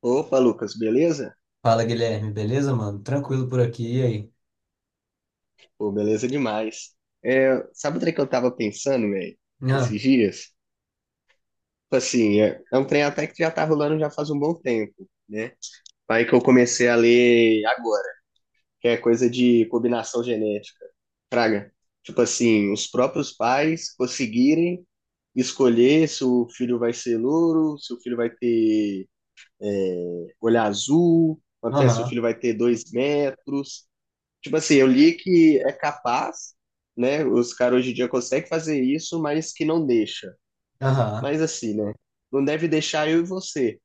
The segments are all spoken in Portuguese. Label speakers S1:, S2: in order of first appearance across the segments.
S1: Opa, Lucas, beleza?
S2: Fala, Guilherme, beleza, mano? Tranquilo por aqui, e aí?
S1: Pô, beleza demais. É, sabe o trem que eu tava pensando, velho,
S2: Ah.
S1: esses dias? Tipo assim, é um trem até que já tá rolando já faz um bom tempo, né? Aí que eu comecei a ler agora, que é coisa de combinação genética. Fraga. Tipo assim, os próprios pais conseguirem escolher se o filho vai ser louro, se o filho vai ter olho azul, quanto é, se o
S2: Aham,
S1: filho vai ter dois metros. Tipo assim, eu li que é capaz, né? Os caras hoje em dia conseguem fazer isso, mas que não deixa.
S2: aham.
S1: Mas assim, né? Não deve deixar eu e você,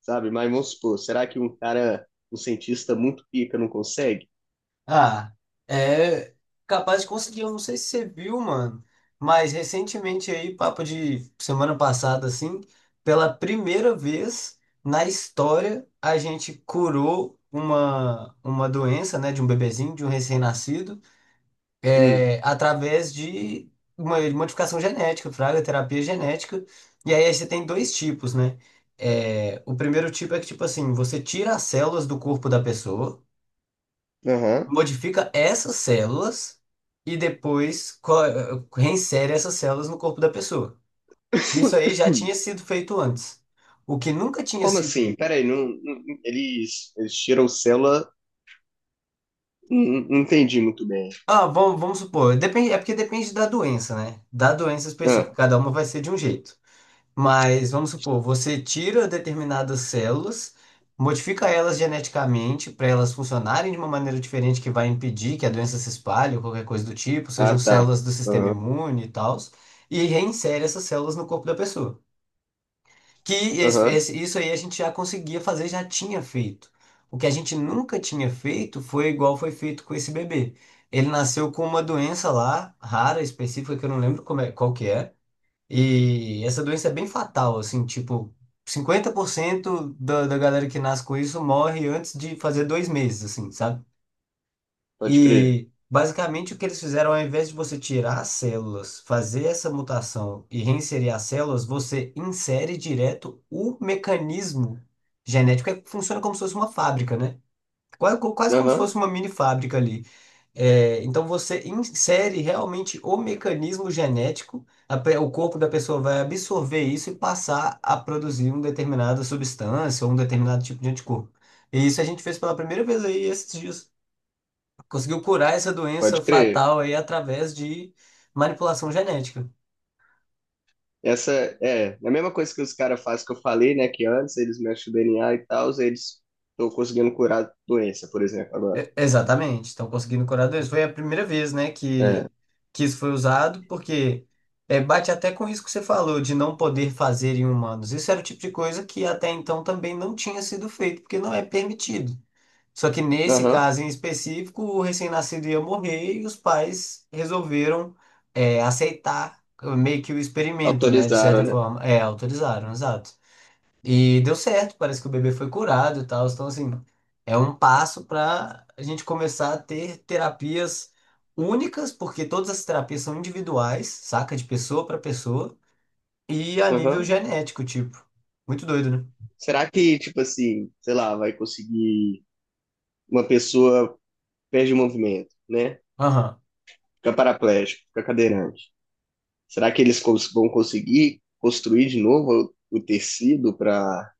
S1: sabe? Mas vamos supor, será que um cara, um cientista muito pica não consegue?
S2: Ah, é capaz de conseguir, eu não sei se você viu, mano, mas recentemente aí, papo de semana passada, assim, pela primeira vez na história, a gente curou uma doença, né, de um bebezinho, de um recém-nascido,
S1: Hum.
S2: através de uma modificação genética, fraga, terapia genética. E aí, você tem dois tipos, né? O primeiro tipo é que, tipo assim, você tira as células do corpo da pessoa,
S1: Aham.
S2: modifica essas células e depois reinsere essas células no corpo da pessoa. Isso aí já tinha sido feito antes. O que nunca tinha
S1: Como
S2: sido.
S1: assim? Peraí, eles, eles tiram célula? Não, não entendi muito bem.
S2: Ah, vamos supor, depende, é porque depende da doença, né? Da doença específica,
S1: Ah,
S2: cada uma vai ser de um jeito. Mas vamos supor, você tira determinadas células, modifica elas geneticamente para elas funcionarem de uma maneira diferente que vai impedir que a doença se espalhe ou qualquer coisa do tipo, sejam
S1: ah, tá.
S2: células do sistema
S1: Aham,
S2: imune e tal, e reinsere essas células no corpo da pessoa. Que
S1: aham,
S2: isso aí a gente já conseguia fazer, já tinha feito. O que a gente nunca tinha feito foi igual foi feito com esse bebê. Ele nasceu com uma doença lá, rara, específica, que eu não lembro qual que é. E essa doença é bem fatal, assim, tipo, 50% da galera que nasce com isso morre antes de fazer 2 meses, assim, sabe?
S1: pode crer.
S2: E basicamente o que eles fizeram, ao invés de você tirar as células, fazer essa mutação e reinserir as células, você insere direto o mecanismo genético, que funciona como se fosse uma fábrica, né? Quase, quase como se
S1: Aham,
S2: fosse uma mini fábrica ali. É, então você insere realmente o mecanismo genético, o corpo da pessoa vai absorver isso e passar a produzir uma determinada substância ou um determinado tipo de anticorpo. E isso a gente fez pela primeira vez aí esses dias. Conseguiu curar essa doença
S1: pode crer.
S2: fatal aí através de manipulação genética.
S1: Essa é a mesma coisa que os caras fazem que eu falei, né? Que antes eles mexem o DNA e tal, eles estão conseguindo curar a doença, por exemplo, agora.
S2: É, exatamente, estão conseguindo curadores. Foi a primeira vez, né,
S1: É.
S2: que isso foi usado, porque bate até com o risco que você falou de não poder fazer em humanos. Isso era o tipo de coisa que até então também não tinha sido feito, porque não é permitido. Só que nesse
S1: Aham.
S2: caso em específico, o recém-nascido ia morrer e os pais resolveram aceitar meio que o experimento, né, de
S1: Autorizaram,
S2: certa
S1: né?
S2: forma. É, autorizaram, exato. E deu certo, parece que o bebê foi curado e tal. Então, assim, é um passo para a gente começar a ter terapias únicas, porque todas as terapias são individuais, saca? De pessoa para pessoa, e a nível
S1: Aham.
S2: genético, tipo. Muito doido, né?
S1: Será que, tipo assim, sei lá, vai conseguir uma pessoa perde o movimento, né?
S2: Aham.
S1: Fica paraplégico, fica cadeirante. Será que eles vão conseguir construir de novo o tecido para.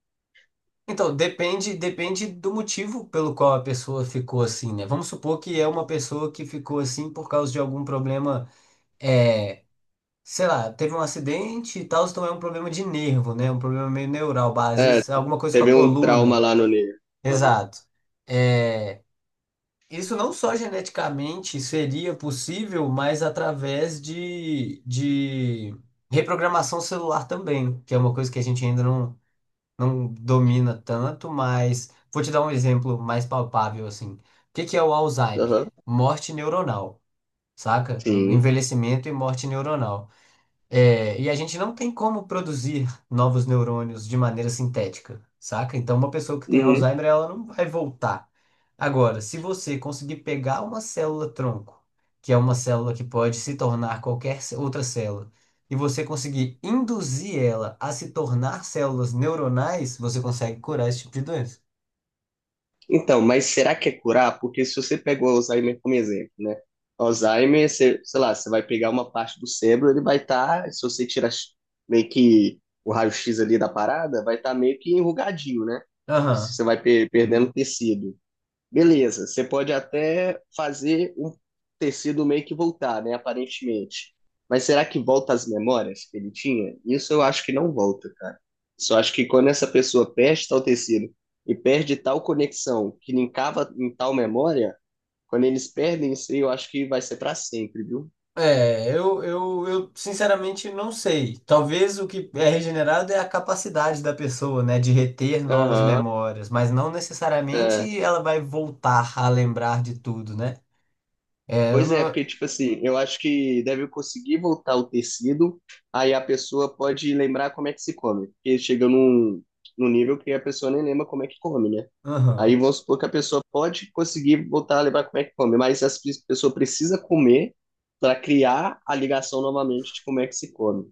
S2: Então, depende do motivo pelo qual a pessoa ficou assim, né? Vamos supor que é uma pessoa que ficou assim por causa de algum problema é, sei lá, teve um acidente e tal, então é um problema de nervo, né? Um problema meio neural, às
S1: É,
S2: vezes alguma coisa com a
S1: teve um trauma
S2: coluna.
S1: lá no nervo. Aham.
S2: Exato. É, isso não só geneticamente seria possível, mas através de reprogramação celular também, que é uma coisa que a gente ainda não, não domina tanto, mas vou te dar um exemplo mais palpável assim. O que que é o Alzheimer?
S1: Aham.
S2: Morte neuronal, saca?
S1: Sim.
S2: Envelhecimento e morte neuronal. É, e a gente não tem como produzir novos neurônios de maneira sintética, saca? Então, uma pessoa que tem
S1: Uhum.
S2: Alzheimer, ela não vai voltar. Agora, se você conseguir pegar uma célula-tronco, que é uma célula que pode se tornar qualquer outra célula, e você conseguir induzir ela a se tornar células neuronais, você consegue curar esse tipo de doença.
S1: Então, mas será que é curar? Porque se você pegou o Alzheimer como exemplo, né? Alzheimer, você, sei lá, você vai pegar uma parte do cérebro, ele vai estar, se você tirar meio que o raio-x ali da parada, vai estar meio que enrugadinho, né?
S2: Aham.
S1: Você vai perdendo tecido. Beleza, você pode até fazer o tecido meio que voltar, né? Aparentemente. Mas será que volta as memórias que ele tinha? Isso eu acho que não volta, cara. Só acho que quando essa pessoa perde tal tecido e perde tal conexão que linkava em tal memória, quando eles perdem isso aí, eu acho que vai ser pra sempre, viu?
S2: É, eu sinceramente não sei. Talvez o que é regenerado é a capacidade da pessoa, né, de reter novas
S1: Aham,
S2: memórias, mas não
S1: é.
S2: necessariamente ela vai voltar a lembrar de tudo, né? É, eu
S1: Pois é,
S2: não.
S1: porque, tipo assim, eu acho que deve conseguir voltar o tecido, aí a pessoa pode lembrar como é que se come. Porque chega num, num nível que a pessoa nem lembra como é que come, né? Aí
S2: Aham.
S1: vamos supor que a pessoa pode conseguir voltar a lembrar como é que come, mas a pessoa precisa comer para criar a ligação novamente de como é que se come,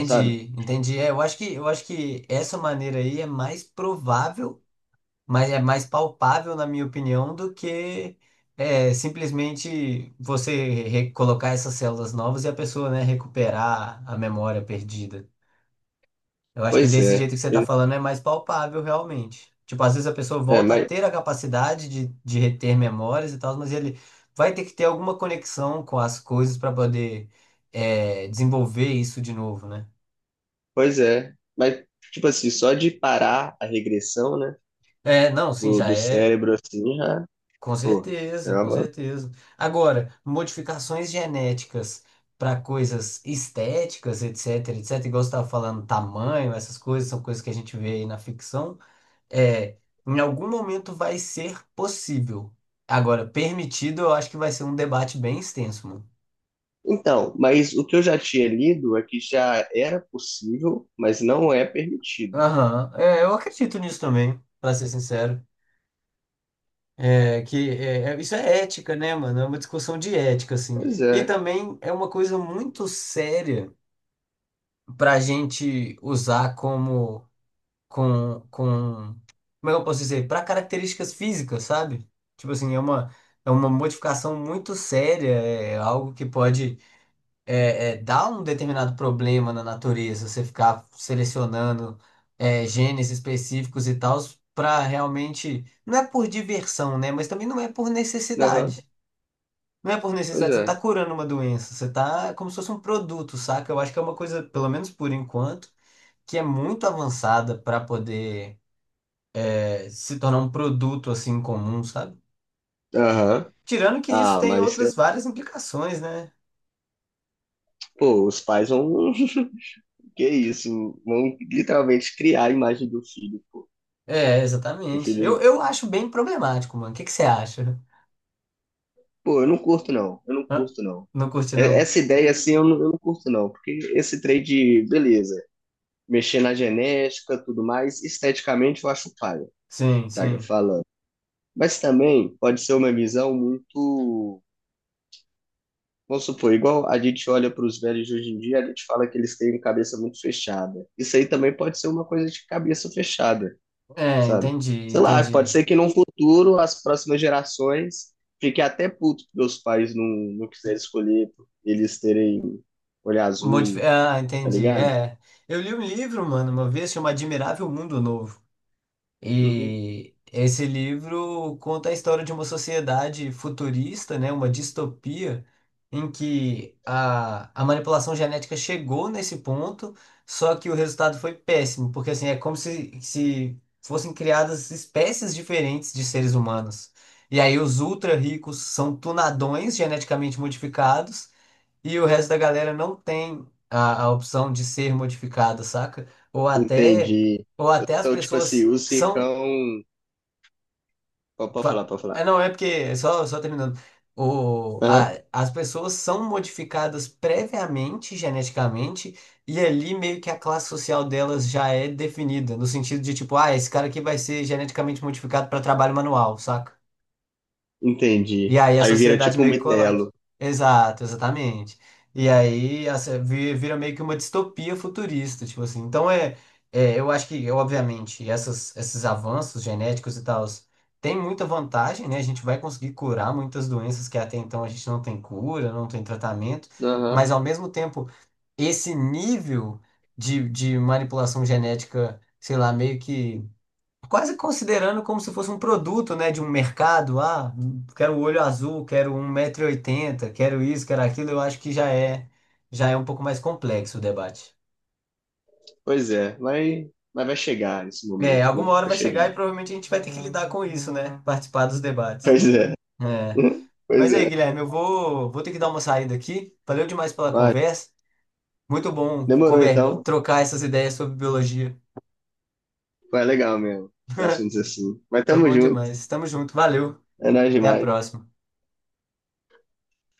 S1: sabe?
S2: entendi. É, eu acho que, essa maneira aí é mais provável, mas é mais palpável, na minha opinião, do que simplesmente você colocar essas células novas e a pessoa, né, recuperar a memória perdida. Eu acho que
S1: Pois
S2: desse jeito
S1: é.
S2: que você tá falando é mais palpável, realmente. Tipo, às vezes a pessoa
S1: É,
S2: volta a
S1: mas,
S2: ter a capacidade de reter memórias e tal, mas ele vai ter que ter alguma conexão com as coisas para poder desenvolver isso de novo, né?
S1: pois é. Mas, tipo assim, só de parar a regressão, né,
S2: É, não, sim,
S1: do,
S2: já
S1: do
S2: é.
S1: cérebro, assim, já,
S2: Com
S1: pô, é
S2: certeza, com
S1: uma.
S2: certeza. Agora, modificações genéticas para coisas estéticas, etc, etc, igual você estava falando, tamanho, essas coisas são coisas que a gente vê aí na ficção. É, em algum momento vai ser possível. Agora, permitido, eu acho que vai ser um debate bem extenso, mano.
S1: Então, mas o que eu já tinha lido é que já era possível, mas não é permitido.
S2: Aham, é, eu acredito nisso também, pra ser sincero. É, que é, isso é ética, né, mano? É uma discussão de ética, assim.
S1: Pois
S2: E
S1: é.
S2: também é uma coisa muito séria pra gente usar como, com, com, como é que eu posso dizer? Pra características físicas, sabe? Tipo assim, é uma modificação muito séria, é algo que pode dá um determinado problema na natureza, você ficar selecionando genes específicos e tal, para realmente. Não é por diversão, né? Mas também não é por
S1: Aham,
S2: necessidade. Não é por
S1: pois
S2: necessidade, você não tá
S1: é.
S2: curando uma doença, você tá como se fosse um produto, saca? Eu acho que é uma coisa, pelo menos por enquanto, que é muito avançada para poder se tornar um produto assim comum, sabe?
S1: Aham.
S2: Tirando que isso
S1: Ah,
S2: tem
S1: mas é-
S2: outras várias implicações, né?
S1: pô, os pais vão. Que isso? Vão literalmente criar a imagem do filho, pô.
S2: É,
S1: O
S2: exatamente. Eu,
S1: filho.
S2: eu acho bem problemático, mano. O que que você acha?
S1: Pô, eu não curto, não. Eu não
S2: Ah.
S1: curto, não.
S2: Não curte,
S1: É-
S2: não?
S1: Essa ideia assim eu não curto, não. Porque esse trade, beleza. Mexer na genética, tudo mais, esteticamente eu acho paia.
S2: Sim,
S1: Traga
S2: sim.
S1: falando. Mas também pode ser uma visão muito. Vamos supor, igual a gente olha para os velhos de hoje em dia, a gente fala que eles têm cabeça muito fechada. Isso aí também pode ser uma coisa de cabeça fechada,
S2: É,
S1: sabe?
S2: entendi,
S1: Sei lá, pode
S2: entendi.
S1: ser que no futuro as próximas gerações fiquem até puto porque os pais não quiserem escolher por eles terem olho azul,
S2: Ah,
S1: tá
S2: entendi.
S1: ligado?
S2: É. Eu li um livro, mano, uma vez, chama Admirável Mundo Novo.
S1: Uhum.
S2: E esse livro conta a história de uma sociedade futurista, né, uma distopia, em que a manipulação genética chegou nesse ponto, só que o resultado foi péssimo, porque assim, é como se, fossem criadas espécies diferentes de seres humanos. E aí os ultra ricos são tunadões geneticamente modificados, e o resto da galera não tem a opção de ser modificado, saca? Ou até,
S1: Entendi.
S2: ou até as
S1: Então, tipo assim,
S2: pessoas
S1: o
S2: são
S1: Cicão. Pode falar,
S2: Fa-
S1: pode falar.
S2: é, não, é porque, só terminando,
S1: Aham.
S2: as pessoas são modificadas previamente, geneticamente, e ali meio que a classe social delas já é definida, no sentido de tipo, ah, esse cara aqui vai ser geneticamente modificado para trabalho manual, saca? E
S1: Entendi.
S2: aí a
S1: Aí vira
S2: sociedade
S1: tipo um
S2: meio que colapsa.
S1: metelo.
S2: Exato, exatamente. E aí a se- vi- vira meio que uma distopia futurista, tipo assim. Então é, é, eu acho que, obviamente, esses avanços genéticos e tal tem muita vantagem, né? A gente vai conseguir curar muitas doenças que até então a gente não tem cura, não tem tratamento, mas ao mesmo tempo, esse nível de manipulação genética, sei lá, meio que quase considerando como se fosse um produto, né, de um mercado. Ah, quero o olho azul, quero um 180 oitenta, quero isso, quero aquilo. Eu acho que já é um pouco mais complexo o debate.
S1: Pois é, vai, mas vai chegar esse
S2: É,
S1: momento,
S2: alguma
S1: viu?
S2: hora
S1: Vai
S2: vai chegar e
S1: chegar.
S2: provavelmente a gente vai ter que lidar com isso, né? Participar dos debates.
S1: Pois é.
S2: É.
S1: Pois
S2: Mas aí,
S1: é.
S2: Guilherme, eu vou ter que dar uma saída aqui. Valeu demais pela
S1: Vai.
S2: conversa. Muito bom
S1: Demorou
S2: conver
S1: então.
S2: trocar essas ideias sobre biologia.
S1: Foi legal mesmo. Esses assuntos assim. Mas
S2: Foi
S1: tamo
S2: bom
S1: junto.
S2: demais. Tamo junto. Valeu.
S1: É nóis
S2: Até a
S1: demais.
S2: próxima.